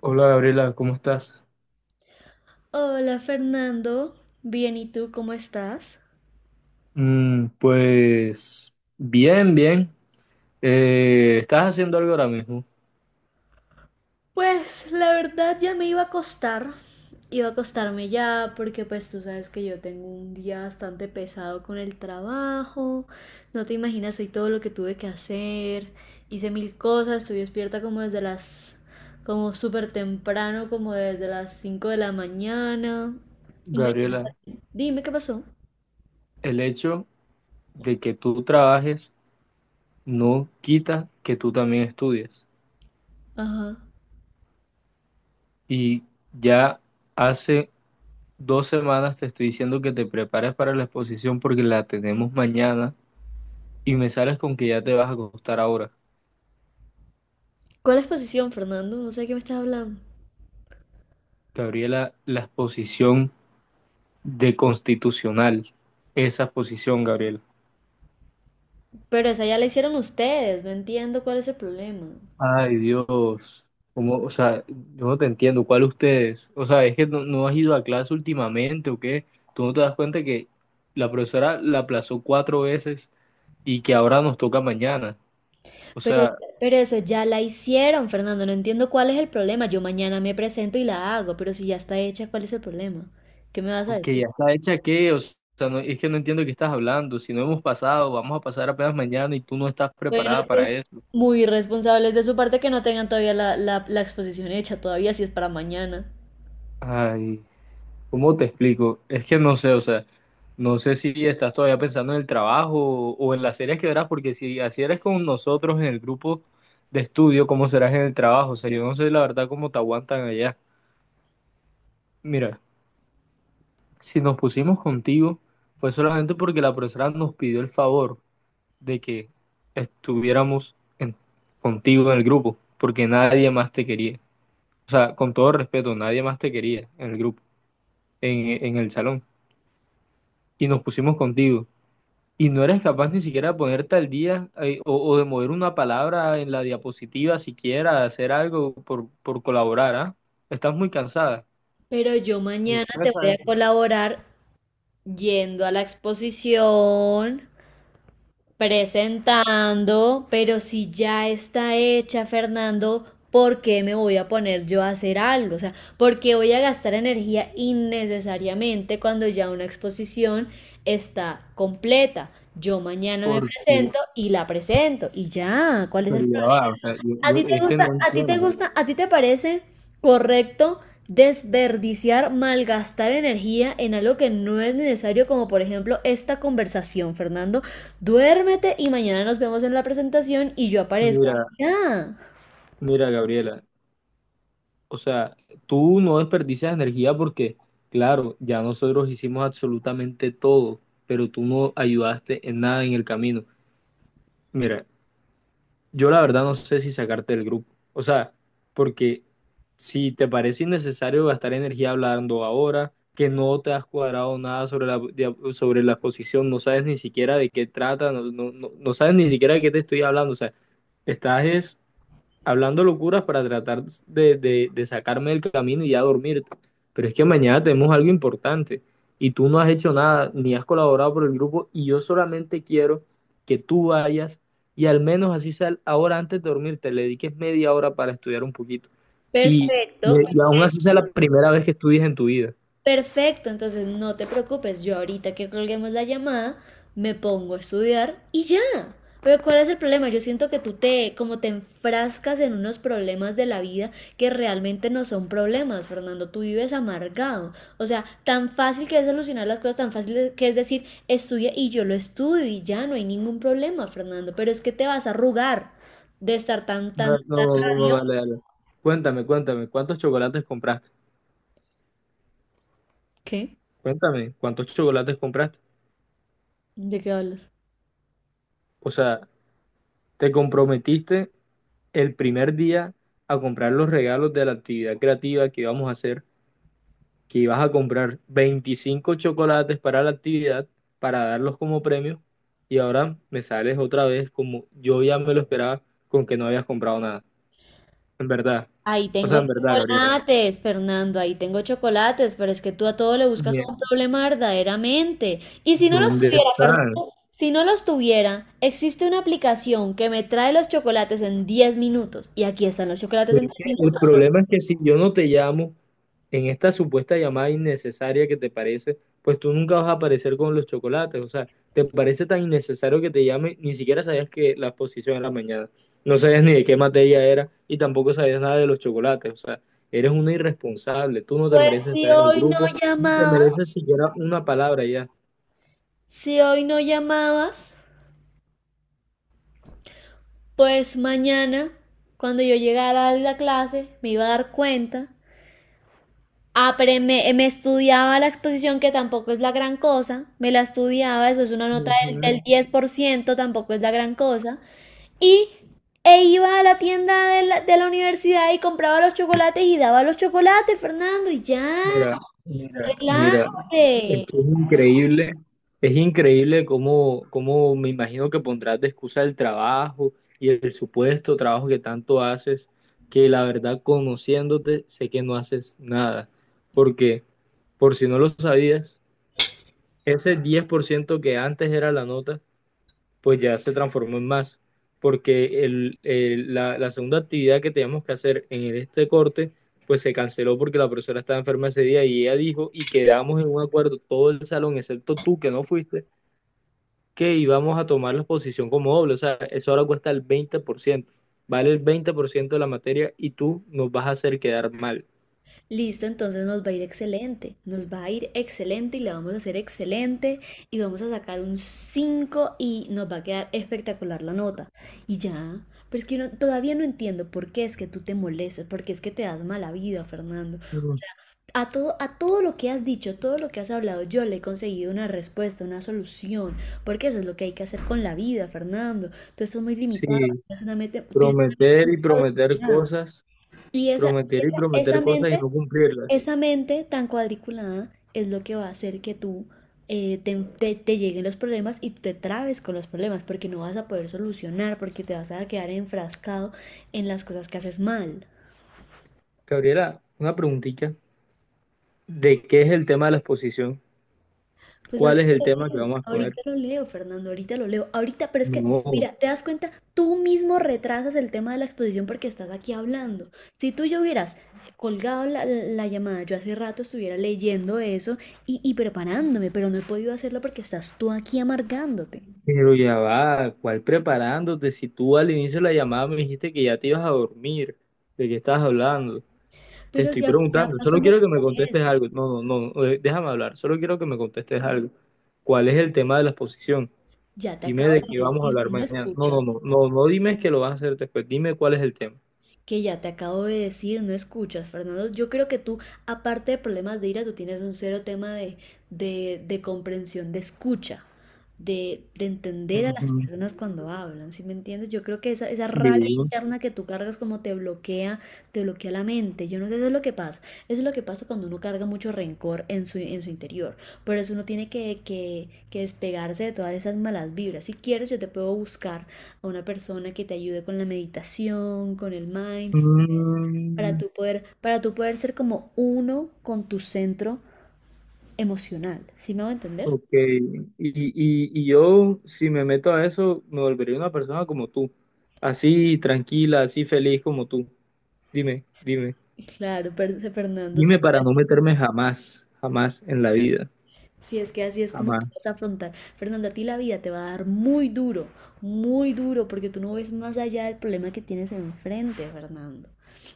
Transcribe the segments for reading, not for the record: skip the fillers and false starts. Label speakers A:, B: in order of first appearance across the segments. A: Hola Gabriela, ¿cómo estás?
B: Hola Fernando, bien, ¿y tú cómo estás?
A: Mm, pues bien, bien. ¿Estás haciendo algo ahora mismo?
B: Pues la verdad ya me iba a acostar, iba a acostarme ya porque pues tú sabes que yo tengo un día bastante pesado con el trabajo, no te imaginas hoy todo lo que tuve que hacer, hice mil cosas, estuve despierta como súper temprano, como desde las 5 de la mañana. Imagínate,
A: Gabriela,
B: dime qué pasó.
A: el hecho de que tú trabajes no quita que tú también estudies.
B: Ajá.
A: Y ya hace 2 semanas te estoy diciendo que te prepares para la exposición porque la tenemos mañana y me sales con que ya te vas a acostar ahora.
B: ¿Cuál exposición, Fernando? No sé de qué me estás hablando.
A: Gabriela, la exposición de constitucional, esa exposición, Gabriela.
B: Pero esa ya la hicieron ustedes, no entiendo cuál es el problema.
A: Ay, Dios. Como, o sea, yo no te entiendo. ¿Cuál ustedes? O sea, es que no, no has ido a clase últimamente o qué. Tú no te das cuenta que la profesora la aplazó 4 veces y que ahora nos toca mañana. O
B: Pero,
A: sea,
B: pero eso ya la hicieron, Fernando. No entiendo cuál es el problema. Yo mañana me presento y la hago, pero si ya está hecha, ¿cuál es el problema? ¿Qué me vas a
A: que
B: decir?
A: ya está hecha qué. O sea, no- es que no entiendo de qué estás hablando. Si no hemos pasado, vamos a pasar apenas mañana y tú no estás
B: Bueno,
A: preparada para
B: pues
A: eso.
B: muy irresponsables de su parte que no tengan todavía la exposición hecha, todavía si es para mañana.
A: Ay. ¿Cómo te explico? Es que no sé, o sea, no sé si estás todavía pensando en el trabajo o en las series que verás, porque si así eres con nosotros en el grupo de estudio, ¿cómo serás en el trabajo? O sea, yo no sé la verdad cómo te aguantan allá. Mira, si nos pusimos contigo fue solamente porque la profesora nos pidió el favor de que estuviéramos en- contigo en el grupo, porque nadie más te quería. O sea, con todo respeto, nadie más te quería en el grupo, en el salón. Y nos pusimos contigo. Y no eres capaz ni siquiera de ponerte al día o, de mover una palabra en la diapositiva siquiera, de hacer algo por, colaborar, ¿ah? Estás muy cansada.
B: Pero yo mañana te
A: Sorpresa
B: voy a
A: eso.
B: colaborar yendo a la exposición. Presentando, pero si ya está hecha, Fernando, ¿por qué me voy a poner yo a hacer algo? O sea, ¿por qué voy a gastar energía innecesariamente cuando ya una exposición está completa? Yo mañana me
A: Porque,
B: presento y la presento y ya, ¿cuál es
A: pero
B: el?
A: ya va, o sea, yo,
B: ¿A ti te
A: es que
B: gusta,
A: no
B: a ti te
A: entiendo.
B: gusta, a ti te parece correcto desperdiciar, malgastar energía en algo que no es necesario, como por ejemplo esta conversación, Fernando? Duérmete y mañana nos vemos en la presentación y yo aparezco.
A: Mira,
B: Ya.
A: mira, Gabriela, o sea, tú no desperdicias energía porque, claro, ya nosotros hicimos absolutamente todo, pero tú no ayudaste en nada en el camino. Mira, yo la verdad no sé si sacarte del grupo. O sea, porque si te parece innecesario gastar energía hablando ahora, que no te has cuadrado nada sobre la, sobre la exposición, no sabes ni siquiera de qué trata, no, no sabes ni siquiera de qué te estoy hablando. O sea, estás es hablando locuras para tratar de, sacarme del camino y ya dormirte. Pero es que mañana tenemos algo importante y tú no has hecho nada, ni has colaborado por el grupo y yo solamente quiero que tú vayas y al menos así sea ahora antes de dormirte, le dediques media hora para estudiar un poquito. Y,
B: Perfecto,
A: y aún
B: perfecto.
A: así sea la primera vez que estudies en tu vida.
B: Perfecto, entonces no te preocupes, yo ahorita que colguemos la llamada me pongo a estudiar y ya. Pero ¿cuál es el problema? Yo siento que tú te como te enfrascas en unos problemas de la vida que realmente no son problemas, Fernando, tú vives amargado. O sea, tan fácil que es solucionar las cosas, tan fácil que es decir, estudia y yo lo estudio y ya no hay ningún problema, Fernando, pero es que te vas a arrugar de estar tan
A: No,
B: tan.
A: no, no, no, dale, dale. Cuéntame, cuéntame, ¿cuántos chocolates compraste?
B: ¿Qué?
A: Cuéntame, ¿cuántos chocolates compraste?
B: ¿De qué hablas?
A: O sea, te comprometiste el primer día a comprar los regalos de la actividad creativa que íbamos a hacer, que ibas a comprar 25 chocolates para la actividad, para darlos como premio, y ahora me sales otra vez como yo ya me lo esperaba con que no habías comprado nada. En verdad.
B: Ahí
A: O sea,
B: tengo
A: en verdad, Gabriela.
B: chocolates, Fernando, ahí tengo chocolates, pero es que tú a todo le buscas un
A: Mierda,
B: problema verdaderamente. Y si no los
A: ¿dónde
B: tuviera,
A: estás?
B: Fernando, si no los tuviera, existe una aplicación que me trae los chocolates en 10 minutos. Y aquí están los chocolates en
A: Pero
B: diez
A: el
B: minutos.
A: problema es que si yo no te llamo, en esta supuesta llamada innecesaria que te parece, pues tú nunca vas a aparecer con los chocolates. O sea, te parece tan innecesario que te llame, ni siquiera sabías que la exposición era mañana. No sabías ni de qué materia era y tampoco sabías nada de los chocolates. O sea, eres una irresponsable. Tú no te
B: Pues
A: mereces
B: si
A: estar en el
B: hoy no
A: grupo, ni te
B: llamabas,
A: mereces siquiera una palabra ya.
B: si hoy no llamabas, pues mañana, cuando yo llegara a la clase, me iba a dar cuenta. Ah, pero me estudiaba la exposición, que tampoco es la gran cosa. Me la estudiaba, eso es una nota
A: Ujú.
B: del 10%, tampoco es la gran cosa. Y e iba a la tienda de la universidad y compraba los chocolates y daba los chocolates, Fernando, y ya,
A: Mira, mira, mira. Es
B: relájate.
A: que es increíble cómo, cómo me imagino que pondrás de excusa el trabajo y el supuesto trabajo que tanto haces, que la verdad conociéndote sé que no haces nada, porque por si no lo sabías, ese 10% que antes era la nota pues ya se transformó en más, porque el, la, la segunda actividad que teníamos que hacer en este corte, pues se canceló porque la profesora estaba enferma ese día y ella dijo, y quedamos en un acuerdo todo el salón, excepto tú que no fuiste, que íbamos a tomar la exposición como doble, o sea, eso ahora cuesta el 20% vale el 20% de la materia y tú nos vas a hacer quedar mal.
B: Listo, entonces nos va a ir excelente, nos va a ir excelente y la vamos a hacer excelente y vamos a sacar un 5 y nos va a quedar espectacular la nota. Y ya, pero es que yo no, todavía no entiendo por qué es que tú te molestas, por qué es que te das mala vida, Fernando. O
A: Mm.
B: sea, a todo lo que has dicho, todo lo que has hablado, yo le he conseguido una respuesta, una solución, porque eso es lo que hay que hacer con la vida, Fernando. Tú estás muy limitado,
A: Sí,
B: tienes una mente
A: prometer
B: muy
A: y prometer
B: cuadriculada.
A: cosas,
B: Y esa,
A: prometer y
B: esa, esa
A: prometer cosas y
B: mente
A: no cumplirlas.
B: esa mente tan cuadriculada es lo que va a hacer que tú te lleguen los problemas y te trabes con los problemas porque no vas a poder solucionar, porque te vas a quedar enfrascado en las cosas que haces mal.
A: Gabriela, una preguntita. ¿De qué es el tema de la exposición?
B: Pues
A: ¿Cuál es el tema que vamos a exponer?
B: ahorita lo leo, Fernando, ahorita lo leo, ahorita, pero es que,
A: No,
B: mira, te das cuenta, tú mismo retrasas el tema de la exposición porque estás aquí hablando. Si tú yo hubieras colgado la llamada, yo hace rato estuviera leyendo eso y preparándome, pero no he podido hacerlo porque estás tú aquí amargándote.
A: pero ya va, ¿cuál preparándote? Si tú al inicio de la llamada me dijiste que ya te ibas a dormir, ¿de qué estás hablando? Te
B: Pero
A: estoy
B: ya
A: preguntando, solo
B: pasamos
A: quiero que me
B: por
A: contestes
B: eso.
A: algo. No, no, no, déjame hablar, solo quiero que me contestes algo. ¿Cuál es el tema de la exposición?
B: Ya te
A: Dime
B: acabo
A: de qué
B: de
A: vamos a
B: decir que
A: hablar
B: no
A: mañana. No, no,
B: escuchas.
A: no, no, no dime que lo vas a hacer después, dime cuál es el tema.
B: Que ya te acabo de decir, no escuchas, Fernando. Yo creo que tú, aparte de problemas de ira, tú tienes un cero tema de comprensión, de escucha, de entender a las
A: Ujú.
B: personas cuando hablan, ¿sí me entiendes? Yo creo que esa
A: Sí.
B: rabia interna que tú cargas como te bloquea la mente. Yo no sé, eso es lo que pasa. Eso es lo que pasa cuando uno carga mucho rencor en su interior. Por eso uno tiene que despegarse de todas esas malas vibras. Si quieres, yo te puedo buscar a una persona que te ayude con la meditación, con el mindfulness,
A: Mm.
B: para tú poder ser como uno con tu centro emocional. ¿Sí me va a entender?
A: Ok, y yo si me meto a eso, me volvería una persona como tú, así tranquila, así feliz como tú. Dime, dime,
B: Claro, per- Fernando, sí,
A: dime para no
B: sí.
A: meterme jamás, jamás en la vida,
B: Si es que así es como tú
A: jamás.
B: vas a afrontar. Fernando, a ti la vida te va a dar muy duro, porque tú no ves más allá del problema que tienes enfrente, Fernando.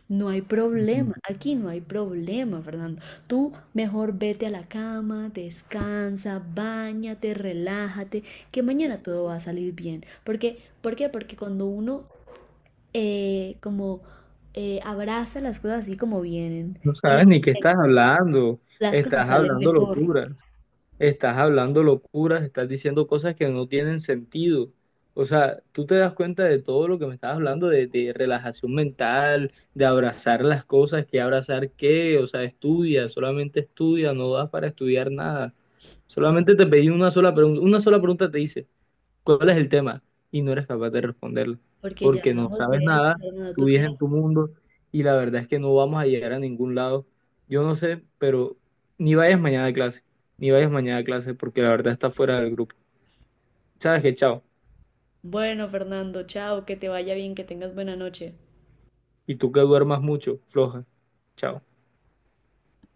B: No hay problema,
A: Ujú.
B: aquí no hay problema, Fernando. Tú mejor vete a la cama, descansa, bañate, relájate, que mañana todo va a salir bien. Porque, ¿por qué? Porque cuando uno como abraza las cosas así como vienen
A: No
B: y las,
A: sabes ni qué
B: las cosas
A: estás
B: salen
A: hablando
B: mejor.
A: locura. Estás hablando locuras, estás diciendo cosas que no tienen sentido. O sea, tú te das cuenta de todo lo que me estás hablando, de, relajación mental, de abrazar las cosas, que abrazar qué, o sea, estudia, solamente estudia, no das para estudiar nada. Solamente te pedí una sola pregunta te hice cuál es el tema y no eres capaz de responderlo,
B: Porque ya
A: porque no
B: hablamos de
A: sabes nada,
B: esto, Fernando.
A: tú
B: Tú
A: vives en
B: tienes...
A: tu mundo y la verdad es que no vamos a llegar a ningún lado. Yo no sé, pero ni vayas mañana a clase, ni vayas mañana a clase porque la verdad está fuera del grupo. Sabes que chao,
B: Bueno, Fernando, chao, que te vaya bien, que tengas buena noche.
A: y tú que duermas mucho, floja, chao.